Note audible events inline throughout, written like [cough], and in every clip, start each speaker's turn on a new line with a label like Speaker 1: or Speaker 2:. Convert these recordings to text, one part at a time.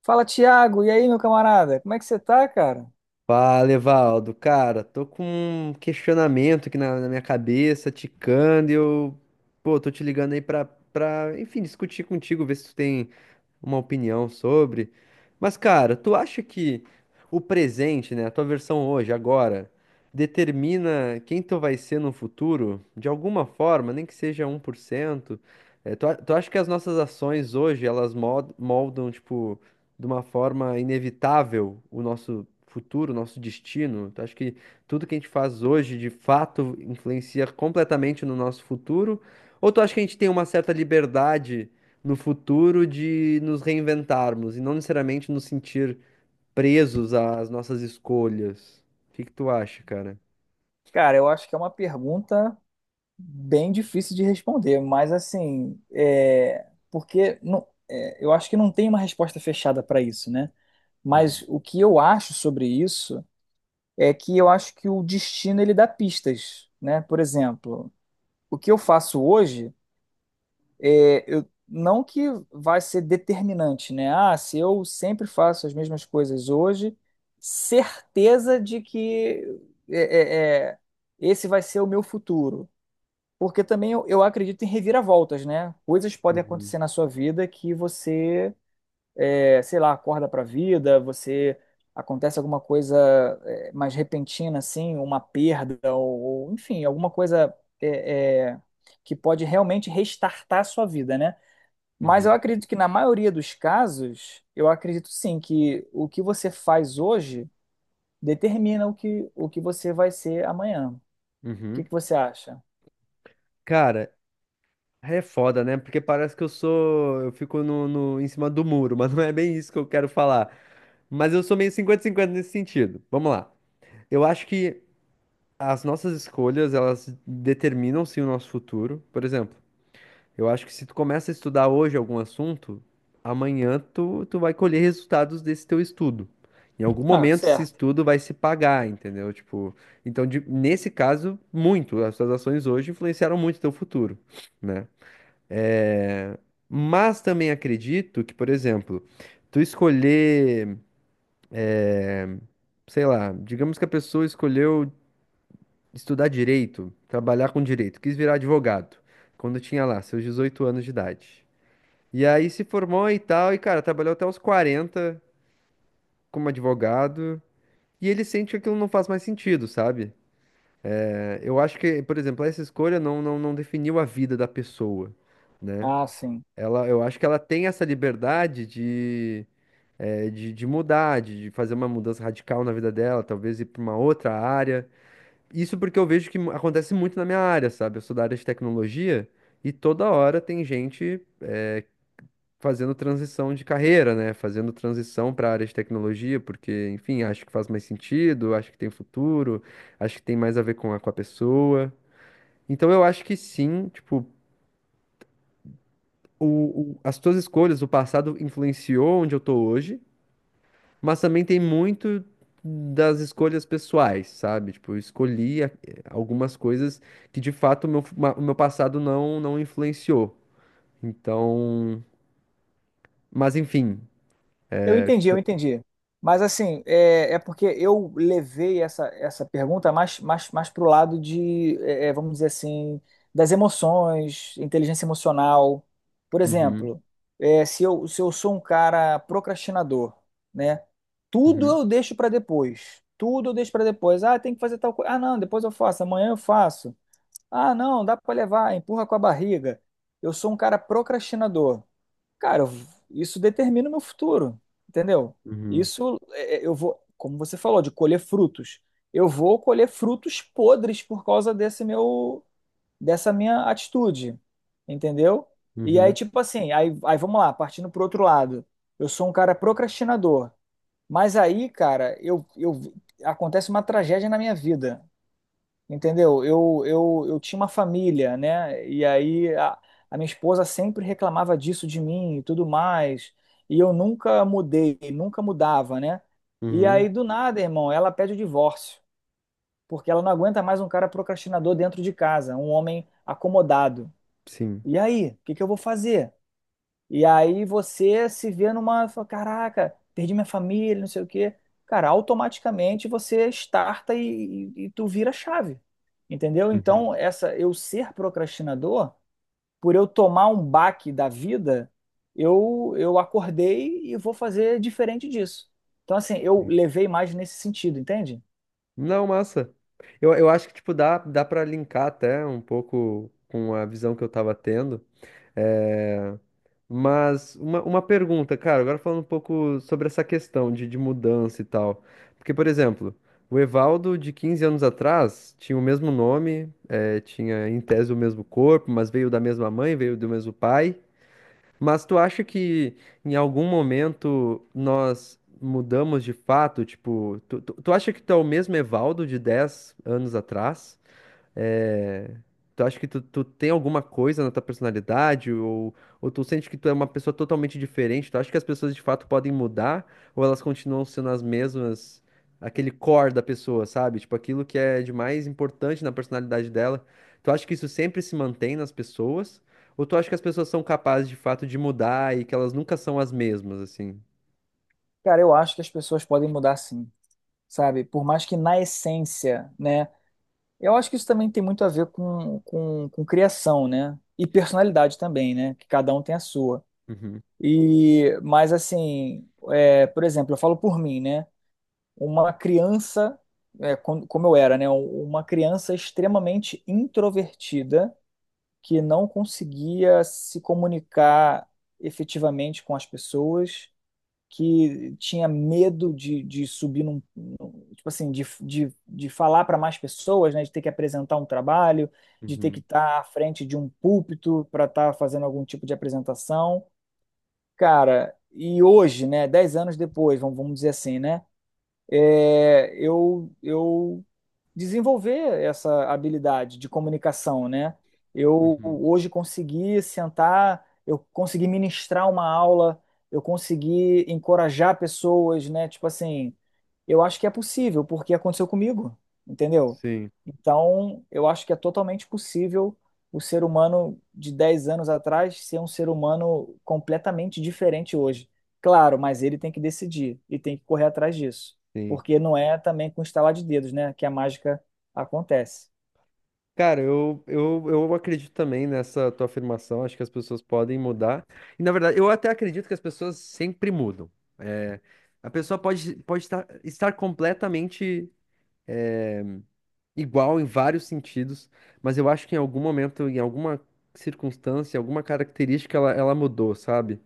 Speaker 1: Fala, Thiago. E aí, meu camarada? Como é que você tá, cara?
Speaker 2: Fala, Evaldo. Cara, tô com um questionamento aqui na minha cabeça, ticando, e eu, pô, tô te ligando aí pra, enfim, discutir contigo, ver se tu tem uma opinião sobre. Mas, cara, tu acha que o presente, né, a tua versão hoje, agora, determina quem tu vai ser no futuro, de alguma forma, nem que seja um 1%? Tu acha que as nossas ações hoje, elas moldam, tipo, de uma forma inevitável o nosso futuro, o nosso destino? Tu acha que tudo que a gente faz hoje, de fato, influencia completamente no nosso futuro? Ou tu acha que a gente tem uma certa liberdade no futuro de nos reinventarmos e não necessariamente nos sentir presos às nossas escolhas. O que que tu acha, cara?
Speaker 1: Cara, eu acho que é uma pergunta bem difícil de responder, mas assim, é... porque não... é, eu acho que não tem uma resposta fechada para isso, né? Mas
Speaker 2: Uhum,
Speaker 1: o que eu acho sobre isso é que eu acho que o destino ele dá pistas, né? Por exemplo, o que eu faço hoje não que vai ser determinante, né? Ah, se eu sempre faço as mesmas coisas hoje, certeza de que é, é, é, esse vai ser o meu futuro. Porque também eu acredito em reviravoltas, né? Coisas podem
Speaker 2: uhum,
Speaker 1: acontecer na sua vida que sei lá, acorda pra vida, você acontece alguma coisa mais repentina, assim, uma perda, ou, enfim, alguma coisa é, é, que pode realmente restartar a sua vida, né? Mas eu
Speaker 2: uhum,
Speaker 1: acredito que na maioria dos casos, eu acredito sim que o que você faz hoje determina o que você vai ser amanhã. O que
Speaker 2: uhum.
Speaker 1: que você acha?
Speaker 2: Cara, é foda, né? Porque parece que eu sou. Eu fico em cima do muro, [laughs] mas não é bem isso que eu quero falar. Mas eu sou meio 50 cinquenta nesse sentido. Vamos lá. Eu acho que as nossas escolhas, elas determinam sim o nosso futuro. Por exemplo, eu acho que se tu começa a estudar hoje algum assunto, amanhã tu vai colher resultados desse teu estudo. Em algum
Speaker 1: Ah,
Speaker 2: momento esse
Speaker 1: certo.
Speaker 2: estudo vai se pagar, entendeu? Tipo, então nesse caso, muito. As suas ações hoje influenciaram muito o teu futuro, né? É, Mas também acredito que, por exemplo, tu escolher, sei lá, digamos que a pessoa escolheu estudar direito, trabalhar com direito, quis virar advogado, quando tinha lá seus 18 anos de idade. E aí se formou e tal, e cara, trabalhou até os 40 como advogado, e ele sente que aquilo não faz mais sentido, sabe? Eu acho que, por exemplo, essa escolha não definiu a vida da pessoa, né?
Speaker 1: Ah, sim.
Speaker 2: Ela, eu acho que ela tem essa liberdade de mudar, de fazer uma mudança radical na vida dela, talvez ir para uma outra área. Isso porque eu vejo que acontece muito na minha área, sabe? Eu sou da área de tecnologia e toda hora tem gente fazendo transição de carreira, né? Fazendo transição para a área de tecnologia, porque, enfim, acho que faz mais sentido, acho que tem futuro, acho que tem mais a ver com a, pessoa. Então eu acho que sim, tipo, as tuas escolhas, o passado influenciou onde eu tô hoje, mas também tem muito das escolhas pessoais, sabe? Tipo, eu escolhi algumas coisas que de fato o meu passado não influenciou. Então, mas enfim.
Speaker 1: Eu entendi, eu entendi. Mas assim, é porque eu levei essa pergunta mais, mais pro lado de vamos dizer assim, das emoções, inteligência emocional. Por
Speaker 2: Uhum,
Speaker 1: exemplo, se eu sou um cara procrastinador, né? Tudo
Speaker 2: uhum,
Speaker 1: eu deixo para depois. Tudo eu deixo para depois. Ah, tem que fazer tal coisa. Ah, não, depois eu faço. Amanhã eu faço. Ah, não, dá para levar. Empurra com a barriga. Eu sou um cara procrastinador. Cara, eu- isso determina o meu futuro, entendeu?
Speaker 2: uhum.
Speaker 1: Eu vou, como você falou, de colher frutos. Eu vou colher frutos podres por causa dessa minha atitude, entendeu? E aí,
Speaker 2: Uhum,
Speaker 1: tipo assim, aí vamos lá, partindo pro outro lado. Eu sou um cara procrastinador, mas aí, cara, eu acontece uma tragédia na minha vida. Entendeu? Eu tinha uma família, né? E aí a minha esposa sempre reclamava disso de mim e tudo mais. E eu nunca mudei, nunca mudava, né? E
Speaker 2: uhum,
Speaker 1: aí do nada, irmão, ela pede o divórcio, porque ela não aguenta mais um cara procrastinador dentro de casa, um homem acomodado.
Speaker 2: sim,
Speaker 1: E aí, o que que eu vou fazer? E aí você se vê numa, fala, caraca, perdi minha família, não sei o quê. Cara, automaticamente você starta e tu vira chave. Entendeu?
Speaker 2: uhum,
Speaker 1: Então, essa eu ser procrastinador, por eu tomar um baque da vida, eu acordei e vou fazer diferente disso. Então, assim, eu
Speaker 2: sim.
Speaker 1: levei mais nesse sentido, entende?
Speaker 2: Não, massa. Eu acho que, tipo, dá pra linkar até um pouco com a visão que eu tava tendo. É, Mas uma pergunta, cara, agora falando um pouco sobre essa questão de mudança e tal. Porque, por exemplo, o Evaldo de 15 anos atrás tinha o mesmo nome, tinha em tese o mesmo corpo, mas veio da mesma mãe, veio do mesmo pai. Mas tu acha que em algum momento nós mudamos de fato? Tipo, tu acha que tu é o mesmo Evaldo de 10 anos atrás? É, Tu acha que tu tem alguma coisa na tua personalidade? Ou tu sente que tu é uma pessoa totalmente diferente? Tu acha que as pessoas de fato podem mudar? Ou elas continuam sendo as mesmas? Aquele core da pessoa, sabe? Tipo, aquilo que é de mais importante na personalidade dela. Tu acha que isso sempre se mantém nas pessoas? Ou tu acha que as pessoas são capazes de fato de mudar e que elas nunca são as mesmas, assim?
Speaker 1: Cara, eu acho que as pessoas podem mudar sim, sabe? Por mais que na essência, né? Eu acho que isso também tem muito a ver com, com criação, né? E personalidade também, né? Que cada um tem a sua.
Speaker 2: Uhum,
Speaker 1: E, mas assim, é, por exemplo, eu falo por mim, né? Uma criança, como eu era, né? Uma criança extremamente introvertida que não conseguia se comunicar efetivamente com as pessoas que tinha medo de subir tipo assim, de falar para mais pessoas, né, de ter que apresentar um trabalho, de ter que
Speaker 2: uhum,
Speaker 1: estar à frente de um púlpito para estar fazendo algum tipo de apresentação. Cara, e hoje, né, dez anos depois, vamos dizer assim, né, eu desenvolver essa habilidade de comunicação, né? Eu
Speaker 2: uhum.
Speaker 1: hoje consegui sentar, eu consegui ministrar uma aula, eu consegui encorajar pessoas, né? Tipo assim, eu acho que é possível, porque aconteceu comigo, entendeu?
Speaker 2: Sim,
Speaker 1: Então, eu acho que é totalmente possível o ser humano de 10 anos atrás ser um ser humano completamente diferente hoje. Claro, mas ele tem que decidir e tem que correr atrás disso
Speaker 2: sim.
Speaker 1: porque não é também com estalar de dedos, né, que a mágica acontece.
Speaker 2: Cara, eu acredito também nessa tua afirmação. Acho que as pessoas podem mudar. E, na verdade, eu até acredito que as pessoas sempre mudam. É, a pessoa pode estar completamente igual em vários sentidos, mas eu acho que em algum momento, em alguma circunstância, alguma característica, ela mudou, sabe?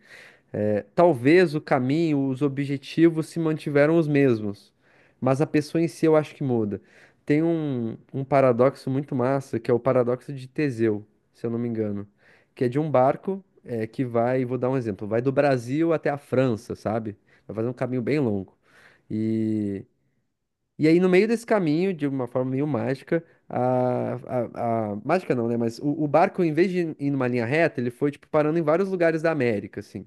Speaker 2: Talvez o caminho, os objetivos se mantiveram os mesmos, mas a pessoa em si eu acho que muda. Tem um paradoxo muito massa, que é o paradoxo de Teseu, se eu não me engano, que é de um barco que vai, vou dar um exemplo, vai do Brasil até a França, sabe? Vai fazer um caminho bem longo. E, e aí, no meio desse caminho, de uma forma meio mágica, mágica não, né? Mas o barco, em vez de ir numa linha reta, ele foi, tipo, parando em vários lugares da América, assim.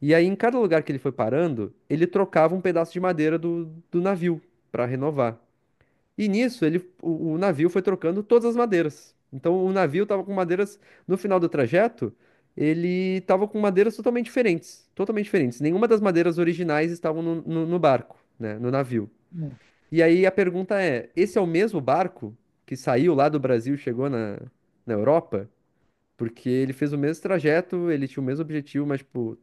Speaker 2: E aí, em cada lugar que ele foi parando, ele trocava um pedaço de madeira do navio para renovar. E nisso, o navio foi trocando todas as madeiras. Então, o navio tava com madeiras. No final do trajeto, ele tava com madeiras totalmente diferentes. Totalmente diferentes. Nenhuma das madeiras originais estavam no barco, né? No navio.
Speaker 1: Hum,
Speaker 2: E aí a pergunta é: esse é o mesmo barco que saiu lá do Brasil e chegou na Europa? Porque ele fez o mesmo trajeto, ele tinha o mesmo objetivo, mas, tipo,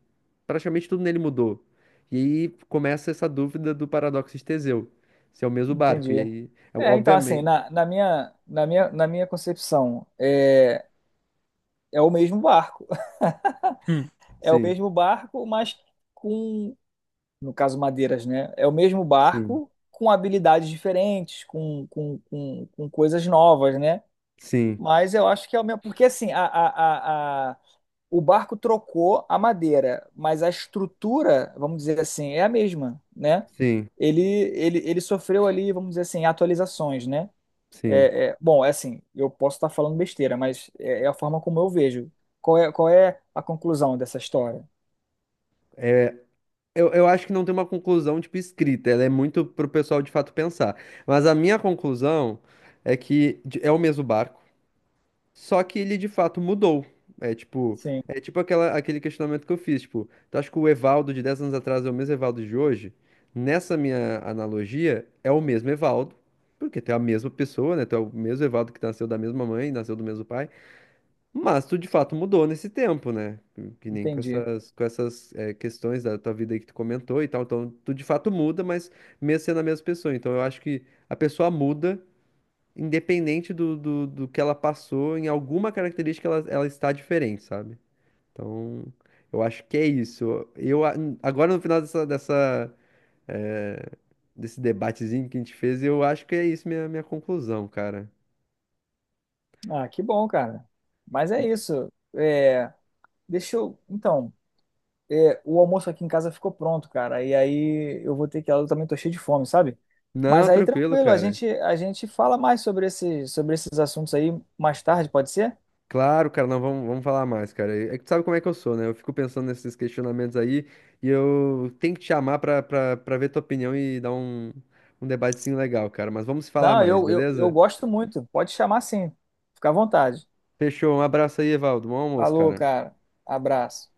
Speaker 2: praticamente tudo nele mudou. E aí começa essa dúvida do paradoxo de Teseu, se é o mesmo barco. E
Speaker 1: entendi.
Speaker 2: aí,
Speaker 1: É, então assim,
Speaker 2: obviamente.
Speaker 1: na minha concepção, é o mesmo barco. [laughs]
Speaker 2: Hum.
Speaker 1: É o
Speaker 2: Sim,
Speaker 1: mesmo barco, mas com, no caso madeiras, né? É o mesmo
Speaker 2: sim,
Speaker 1: barco com habilidades diferentes, com coisas novas, né?
Speaker 2: sim,
Speaker 1: Mas eu acho que é o mesmo, porque assim, o barco trocou a madeira, mas a estrutura, vamos dizer assim, é a mesma, né?
Speaker 2: sim,
Speaker 1: Ele sofreu ali, vamos dizer assim, atualizações, né?
Speaker 2: sim.
Speaker 1: Bom, é assim, eu posso estar falando besteira, mas é a forma como eu vejo. Qual é a conclusão dessa história?
Speaker 2: Eu acho que não tem uma conclusão, tipo, escrita. Ela é muito pro pessoal de fato pensar. Mas a minha conclusão é que é o mesmo barco. Só que ele de fato mudou. É tipo,
Speaker 1: Sim,
Speaker 2: é tipo aquele questionamento que eu fiz, tipo, tu acha que o Evaldo de 10 anos atrás é o mesmo Evaldo de hoje? Nessa minha analogia, é o mesmo Evaldo, porque tu é a mesma pessoa, né? Tu é o mesmo Evaldo que nasceu da mesma mãe, nasceu do mesmo pai, mas tu de fato mudou nesse tempo, né? Que nem com
Speaker 1: entendi.
Speaker 2: essas, questões da tua vida aí que tu comentou e tal. Então, tu de fato muda, mas mesmo sendo a mesma pessoa. Então, eu acho que a pessoa muda independente do que ela passou, em alguma característica ela está diferente, sabe? Então, eu acho que é isso. Eu, a- Agora no final eh, desse debatezinho que a gente fez, eu acho que é isso minha conclusão, cara.
Speaker 1: Ah, que bom, cara. Mas é isso. É, deixa eu. Então, é, o almoço aqui em casa ficou pronto, cara. E aí eu vou ter que. Eu também tô cheio de fome, sabe? Mas
Speaker 2: Não,
Speaker 1: aí
Speaker 2: tranquilo,
Speaker 1: tranquilo, a
Speaker 2: cara.
Speaker 1: gente a gente fala mais sobre esse, sobre esses assuntos aí mais tarde, pode ser?
Speaker 2: Claro, cara, não, vamos falar mais, cara. É que tu sabe como é que eu sou, né? Eu fico pensando nesses questionamentos aí e eu tenho que te chamar pra ver tua opinião e dar um debatezinho legal, cara. Mas vamos falar
Speaker 1: Não,
Speaker 2: mais,
Speaker 1: eu
Speaker 2: beleza?
Speaker 1: gosto muito. Pode chamar sim. Fica à vontade.
Speaker 2: Fechou. Um abraço aí, Evaldo. Bom almoço,
Speaker 1: Falou,
Speaker 2: cara.
Speaker 1: cara. Abraço.